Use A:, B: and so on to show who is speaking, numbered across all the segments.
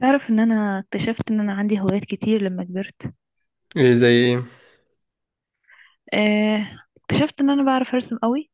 A: تعرف ان انا اكتشفت ان انا عندي هوايات كتير لما كبرت.
B: ايه؟ زي ايه؟
A: آه، اكتشفت ان انا بعرف ارسم قوي.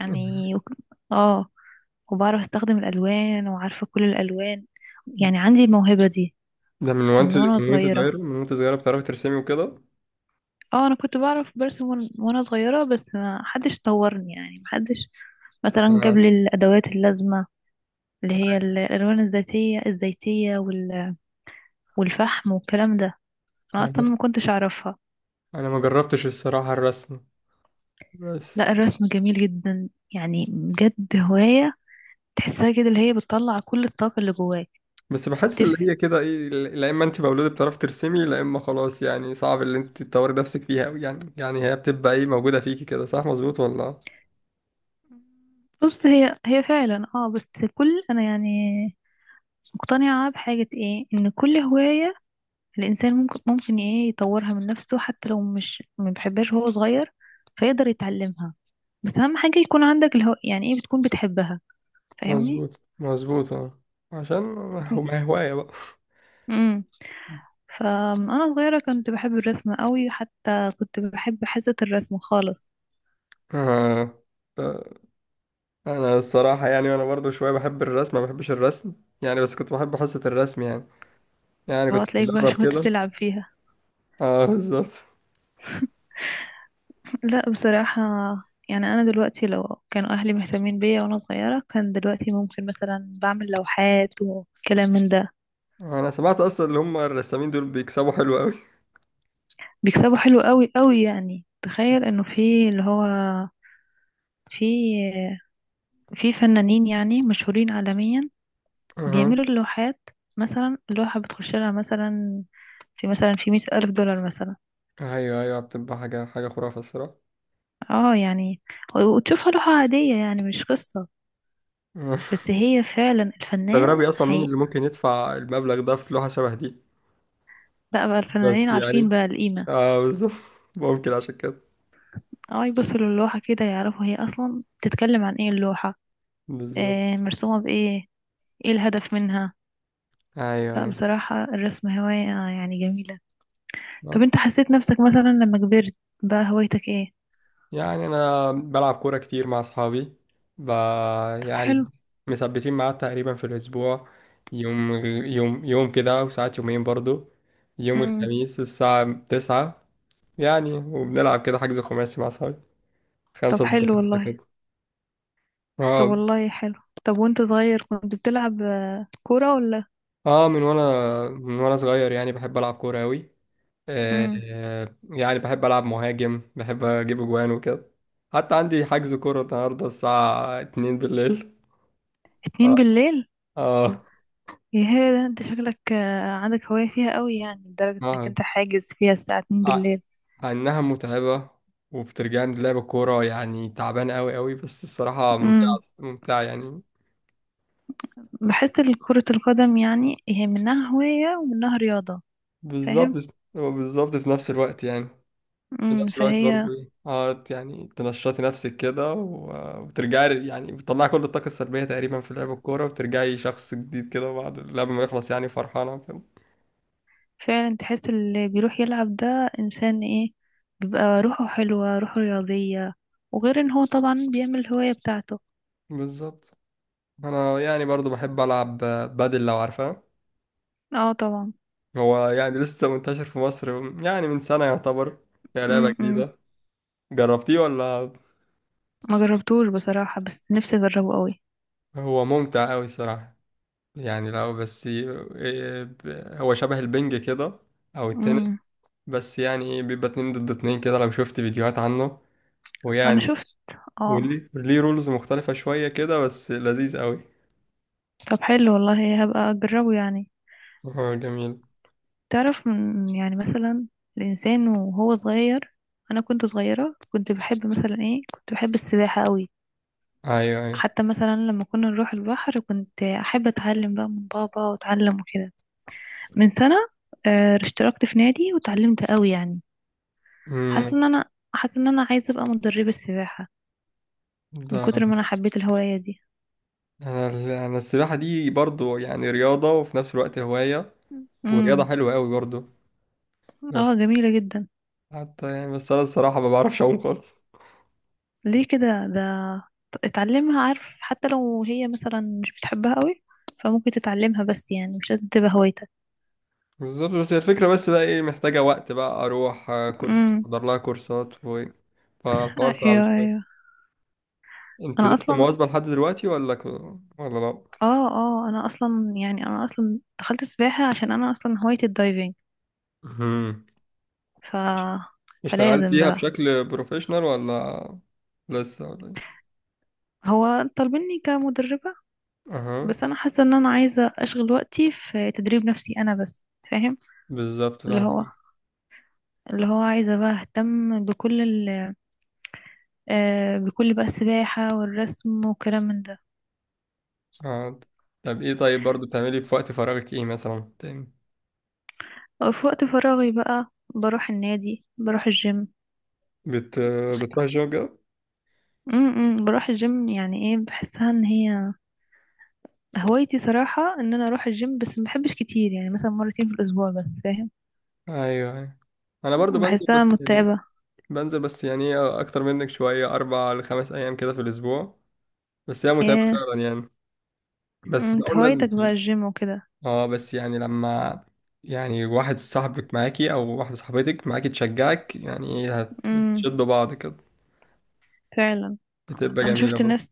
A: يعني اه وبعرف استخدم الالوان وعارفة كل الالوان. يعني عندي الموهبة دي
B: ده
A: من وانا صغيرة.
B: من وانت صغيرة بتعرفي ترسمي وكده.
A: اه انا كنت بعرف برسم وانا صغيرة، بس ما حدش طورني، يعني ما حدش مثلا جاب
B: انا
A: لي الادوات اللازمة، اللي هي الالوان الذاتية الزيتية والفحم والكلام ده. انا اصلا
B: انا
A: ما كنتش اعرفها.
B: أنا ما جربتش الصراحة الرسم. بس
A: لا، الرسم جميل جدا، يعني بجد هواية تحسها كده، اللي هي بتطلع كل الطاقة اللي جواك.
B: بس بحس اللي
A: ترسم.
B: هي كده ايه، لا اما انت مولودة بتعرفي ترسمي، لا اما خلاص يعني صعب اللي انت تطوري نفسك فيها أوي يعني هي بتبقى ايه موجودة فيكي كده، صح؟ مظبوط ولا؟
A: بص، هي فعلا، اه، بس كل انا يعني مقتنعة بحاجة ايه؟ ان كل هواية الانسان ممكن ايه، يطورها من نفسه حتى لو مش ما بيحبهاش وهو صغير، فيقدر يتعلمها. بس اهم حاجة يكون عندك يعني ايه، بتكون بتحبها. فاهمني؟
B: مظبوط، مظبوط، اه. عشان هو، ما هي هواية بقى.
A: امم. فانا صغيرة كنت بحب الرسم قوي، حتى كنت بحب حصة الرسم خالص.
B: آه. آه. انا الصراحة يعني وانا برضو شوية بحب الرسم، ما بحبش الرسم يعني، بس كنت بحب حصة الرسم يعني
A: هو
B: كنت
A: تلاقيك بقى
B: بجرب
A: شوية
B: كده.
A: بتلعب فيها.
B: اه، بالظبط.
A: لا بصراحة، يعني أنا دلوقتي لو كانوا أهلي مهتمين بيا وأنا صغيرة، كان دلوقتي ممكن مثلا بعمل لوحات وكلام من ده.
B: انا سمعت اصلا اللي هم الرسامين دول بيكسبوا حلو قوي.
A: بيكسبوا حلو قوي قوي، يعني تخيل إنه في اللي هو في في فنانين يعني مشهورين عالميا
B: اها.
A: بيعملوا اللوحات، مثلا اللوحة بتخش لها مثلا في 100,000 دولار مثلا.
B: ايوه، ايوه، بتبقى حاجه، حاجه خرافه الصراحه.
A: اه يعني وتشوفها لوحة عادية، يعني مش قصة.
B: أها.
A: بس هي فعلا الفنان
B: تستغربي اصلا مين
A: حقيقة.
B: اللي ممكن يدفع المبلغ ده في لوحه شبه دي.
A: لا بقى، الفنانين
B: بس يعني،
A: عارفين بقى القيمة.
B: اه، بالظبط. ممكن عشان كده.
A: اه، يبصوا للوحة كده يعرفوا هي أصلا بتتكلم عن ايه اللوحة،
B: بالظبط.
A: آه، مرسومة بإيه، ايه الهدف منها. لا
B: ايوه،
A: بصراحة الرسم هواية يعني جميلة. طب
B: ايوه،
A: انت حسيت نفسك مثلا لما كبرت، بقى هوايتك ايه؟
B: يعني انا بلعب كوره كتير مع اصحابي. ب...
A: طب حلو.
B: يعني مثبتين ميعاد تقريبا في الاسبوع يوم، يوم، يوم كده، وساعات يومين برضو. يوم
A: مم.
B: الخميس الساعه 9. يعني وبنلعب كده حجز خماسي مع اصحابي،
A: طب
B: خمسة ضد
A: حلو
B: خمسة
A: والله.
B: كده.
A: طب
B: اه،
A: والله حلو. طب وانت صغير كنت بتلعب كورة ولا؟
B: اه. من وانا صغير يعني بحب العب كوره قوي.
A: مم.
B: آه يعني بحب العب مهاجم، بحب اجيب اجوان وكده. حتى عندي حجز كوره النهارده الساعه 2 بالليل. اه.
A: اتنين بالليل؟
B: اه.
A: يا ده، انت شكلك عندك هواية فيها قوي، يعني لدرجة انك
B: آه.
A: انت حاجز فيها الساعة اتنين
B: ع-
A: بالليل
B: عنها متعبة، وبترجعني لعب الكورة يعني تعبان قوي قوي، بس الصراحة ممتعة،
A: مم.
B: ممتعة يعني.
A: بحس إن كرة القدم يعني هي منها هواية ومنها رياضة. فاهم.
B: بالظبط. هو بالظبط في نفس الوقت يعني. في نفس الوقت
A: فهي
B: برضو ايه، يعني تنشطي نفسك كده، وترجعي يعني بتطلعي كل الطاقة السلبية تقريبا في لعب الكورة، وبترجعي شخص جديد كده بعد اللعب ما يخلص، يعني فرحانة كده.
A: فعلا تحس اللي بيروح يلعب ده إنسان ايه، بيبقى روحه حلوة، روحه رياضية، وغير ان هو طبعا بيعمل الهواية بتاعته.
B: بالظبط. انا يعني برضو بحب العب بادل، لو عارفها.
A: اه طبعا.
B: هو يعني لسه منتشر في مصر، يعني من سنة يعتبر، هي لعبة
A: امم. امم.
B: جديدة. جربتيه ولا؟
A: ما جربتوش بصراحة، بس نفسي اجربه قوي.
B: هو ممتع أوي الصراحة. يعني لو بس إيه، هو شبه البنج كده، أو التنس.
A: امم.
B: بس يعني إيه، بيبقى اتنين ضد اتنين كده لو شفت فيديوهات عنه،
A: انا
B: ويعني
A: شفت، اه.
B: وليه رولز مختلفة شوية كده، بس لذيذ أوي.
A: طب حلو والله، هبقى اجربه يعني.
B: هو جميل.
A: تعرف يعني مثلا الإنسان وهو صغير، أنا كنت صغيرة كنت بحب مثلا إيه، كنت بحب السباحة قوي.
B: أيوه، أيوه.
A: حتى مثلا لما كنا نروح البحر كنت أحب أتعلم بقى من بابا وأتعلم وكده. من سنة آه، اشتركت في نادي وتعلمت قوي يعني. حاسة
B: أمم،
A: إن أنا، حاسة إن أنا عايزة أبقى مدربة السباحة من
B: ده
A: كتر ما أنا حبيت الهواية دي.
B: أنا السباحة دي برضو يعني رياضة وفي نفس الوقت هواية، ورياضة
A: امم.
B: حلوة أوي برضو. بس
A: اه جميلة جدا.
B: حتى يعني، بس أنا الصراحة ما بعرفش أعوم خالص.
A: ليه كده ده؟ اتعلمها، عارف، حتى لو هي مثلا مش بتحبها قوي، فممكن تتعلمها، بس يعني مش لازم تبقى هوايتك.
B: بالظبط، بس هي الفكرة، بس بقى ايه، محتاجة وقت بقى اروح آه، كورس،
A: امم.
B: احضر لها كورسات فالحوار صعب
A: ايوه
B: شوية.
A: ايوه.
B: انت
A: انا
B: لسه
A: اصلا
B: مواظبة لحد دلوقتي ولا ولا؟ لا.
A: اه اه انا اصلا يعني انا اصلا دخلت سباحة عشان انا اصلا هوايتي الدايفنج.
B: مهم.
A: ف فلازم
B: اشتغلتيها
A: بقى.
B: بشكل بروفيشنال ولا لسه ولا ايه؟
A: هو طالبيني كمدربة،
B: اها.
A: بس انا حاسة ان انا عايزة اشغل وقتي في تدريب نفسي انا بس. فاهم.
B: بالظبط
A: اللي هو
B: فاهم.
A: اللي هو عايزة بقى اهتم آه، بكل بقى السباحة والرسم وكلام من ده.
B: اه. طب ايه، طيب برضو بتعملي في وقت فراغك ايه مثلا تاني؟
A: في وقت فراغي بقى بروح النادي، بروح الجيم.
B: بت... بتروحي الجيم كده؟
A: امم. بروح الجيم يعني، ايه، بحسها ان هي هوايتي صراحة ان انا اروح الجيم، بس ما بحبش كتير، يعني مثلا مرتين في الاسبوع بس، فاهم؟
B: ايوه، ايوه. انا برضو
A: بحسها متعبة.
B: بنزل بس يعني اكتر منك شويه، 4-5 ايام كده في الاسبوع، بس هي متعبة
A: ايه.
B: فعلا يعني.
A: مم،
B: بس
A: انت
B: اول ما
A: هوايتك
B: انت،
A: بقى الجيم وكده.
B: اه بس يعني لما يعني واحد صاحبك معاكي او واحدة صاحبتك معاكي تشجعك، يعني ايه،
A: امم.
B: هتشدوا بعض كده.
A: فعلا.
B: بتبقى
A: انا
B: جميلة
A: شفت
B: برضه.
A: ناس،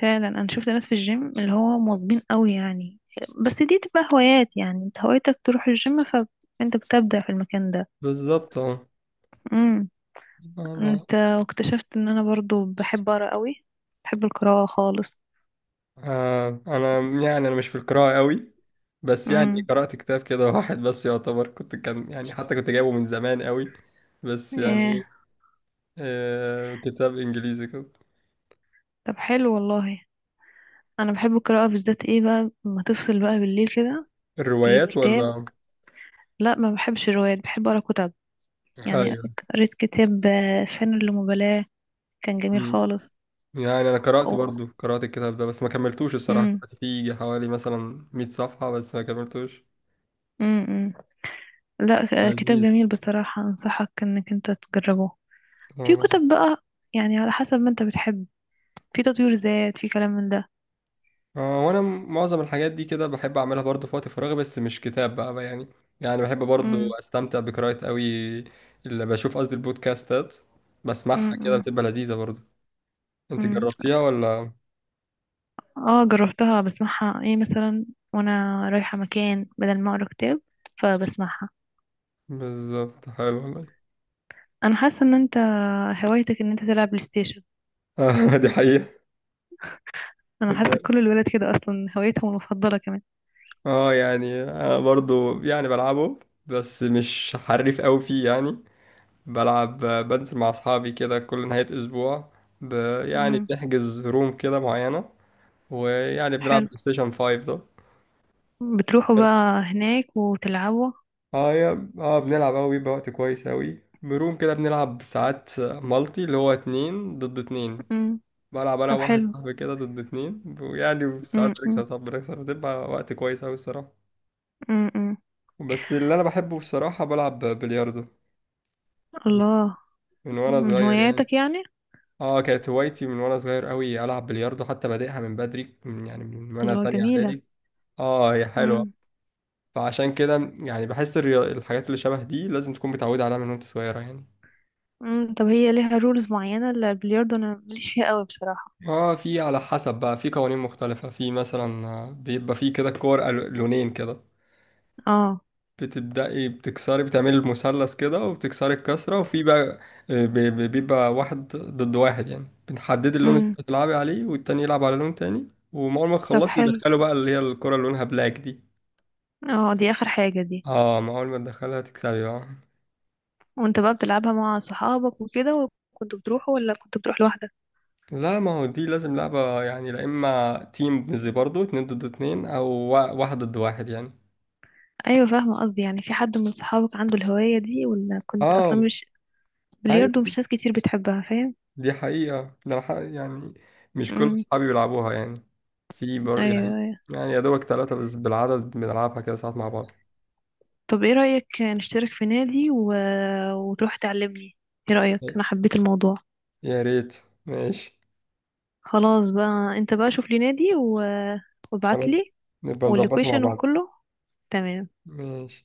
A: فعلا انا شفت ناس في الجيم اللي هو مواظبين قوي يعني. بس دي تبقى هوايات، يعني انت هوايتك تروح الجيم فانت بتبدع في المكان
B: بالظبط اه.
A: ده.
B: انا
A: انت، واكتشفت ان انا برضو بحب اقرا قوي، بحب القراءة خالص.
B: آه انا يعني انا مش في القراءة قوي، بس يعني
A: امم.
B: قرأت كتاب كده واحد بس يعتبر، كنت كان يعني، حتى كنت جايبه من زمان قوي، بس يعني ايه،
A: ايه.
B: كتاب انجليزي كده.
A: طب حلو والله. انا بحب القراءة بالذات ايه بقى لما تفصل بقى بالليل كده، تجيب
B: الروايات
A: كتاب.
B: ولا؟
A: لا ما بحبش روايات، بحب اقرا كتب يعني.
B: ايوه.
A: قريت كتاب آه، فن اللامبالاة، كان جميل خالص.
B: يعني انا قرأت
A: اوه.
B: برضو، قرأت الكتاب ده بس ما كملتوش الصراحة،
A: امم.
B: قرأت فيه حوالي مثلا 100 صفحة بس ما كملتوش.
A: امم. لا آه، كتاب
B: لذيذ.
A: جميل بصراحة، انصحك انك انت تجربه. في
B: آه.
A: كتب بقى، يعني على حسب ما انت بتحب، في تطوير ذات، في كلام من ده.
B: آه. وانا معظم الحاجات دي كده بحب اعملها برضو في وقت فراغي، بس مش كتاب بقى يعني بحب برضو
A: امم.
B: استمتع بقراءة قوي. اللي بشوف، قصدي البودكاستات، بسمعها كده بتبقى لذيذة برضو. انت
A: امم.
B: جربتيها ولا؟
A: اه جربتها، بسمعها ايه مثلا وانا رايحة مكان بدل ما اقرا كتاب، فبسمعها.
B: بالظبط. حلو والله.
A: انا حاسة ان انت هوايتك ان انت تلعب بلاي ستيشن.
B: آه. دي حقيقة.
A: انا حاسة
B: ده-
A: كل الولاد كده اصلا هوايتهم المفضلة كمان.
B: اه يعني انا برضو يعني بلعبه، بس مش حريف قوي فيه يعني. بلعب، بنزل مع أصحابي كده كل نهاية أسبوع، ب... يعني
A: امم.
B: بنحجز روم كده معينة، ويعني بنلعب
A: حلو.
B: بلاي ستيشن 5 ده.
A: بتروحوا بقى هناك وتلعبوا؟
B: اه، يا، بنلعب أوي، بيبقى وقت كويس أوي بروم كده، بنلعب ساعات مالتي اللي هو اتنين ضد اتنين.
A: امم.
B: بلعب أنا
A: طب
B: وواحد
A: حلو.
B: صاحبي كده ضد اتنين، ويعني
A: امم.
B: ساعات بنكسب
A: امم.
B: ساعات بنكسب، بتبقى وقت كويس أوي الصراحة.
A: امم. أمم.
B: بس اللي أنا بحبه الصراحة، بلعب بلياردو.
A: الله.
B: من وأنا
A: من
B: صغير يعني.
A: هواياتك يعني؟
B: اه، كانت هوايتي من وانا صغير قوي العب بلياردو، حتى بادئها من بدري، من وانا
A: الله
B: تانية
A: جميلة.
B: اعدادي. اه، هي حلوة.
A: امم.
B: فعشان كده يعني بحس الحاجات اللي شبه دي لازم تكون متعودة عليها من وانت صغيرة يعني.
A: امم. طب هي ليها رولز معينة البلياردو؟ انا ماليش فيها قوي بصراحة.
B: اه، في على حسب بقى، في قوانين مختلفة، في مثلا آه، بيبقى في كده كور لونين كده.
A: اه.
B: بتبدأي بتكسري، بتعملي المثلث كده وبتكسري الكسرة، وفي بقى بيبقى واحد ضد واحد، يعني بنحدد اللون اللي
A: امم.
B: بتلعبي عليه والتاني يلعب على لون تاني. وأول ما
A: طب
B: تخلصي
A: حلو.
B: يدخلوا بقى اللي هي الكرة اللي لونها بلاك دي.
A: اه دي اخر حاجة دي.
B: اه، ما اول ما تدخلها تكسبي بقى.
A: وانت بقى بتلعبها مع صحابك وكده؟ وكنت بتروح ولا كنت بتروح لوحدك؟
B: لا، ما هو دي لازم لعبة يعني، لا اما تيم زي برضو اتنين ضد اتنين، او واحد ضد واحد يعني.
A: ايوه، فاهمه قصدي، يعني في حد من صحابك عنده الهوايه دي ولا كنت اصلا
B: اه،
A: مش؟ بلياردو
B: ايوه.
A: مش ناس كتير بتحبها، فاهم؟
B: دي حقيقة، ده يعني مش كل
A: امم.
B: اصحابي بيلعبوها يعني. في بر يعني،
A: ايوه ايوه.
B: يا دوبك ثلاثة بس بالعدد بنلعبها كده ساعات مع بعض.
A: طب ايه رايك نشترك في نادي وتروح تعلمني؟ ايه رايك؟ انا حبيت الموضوع.
B: يا ريت. ماشي.
A: خلاص بقى، انت بقى شوف لي نادي وابعت
B: خلاص،
A: لي
B: نبقى نظبطها مع
A: واللوكيشن
B: بعض.
A: وكله. تمام.
B: ماشي.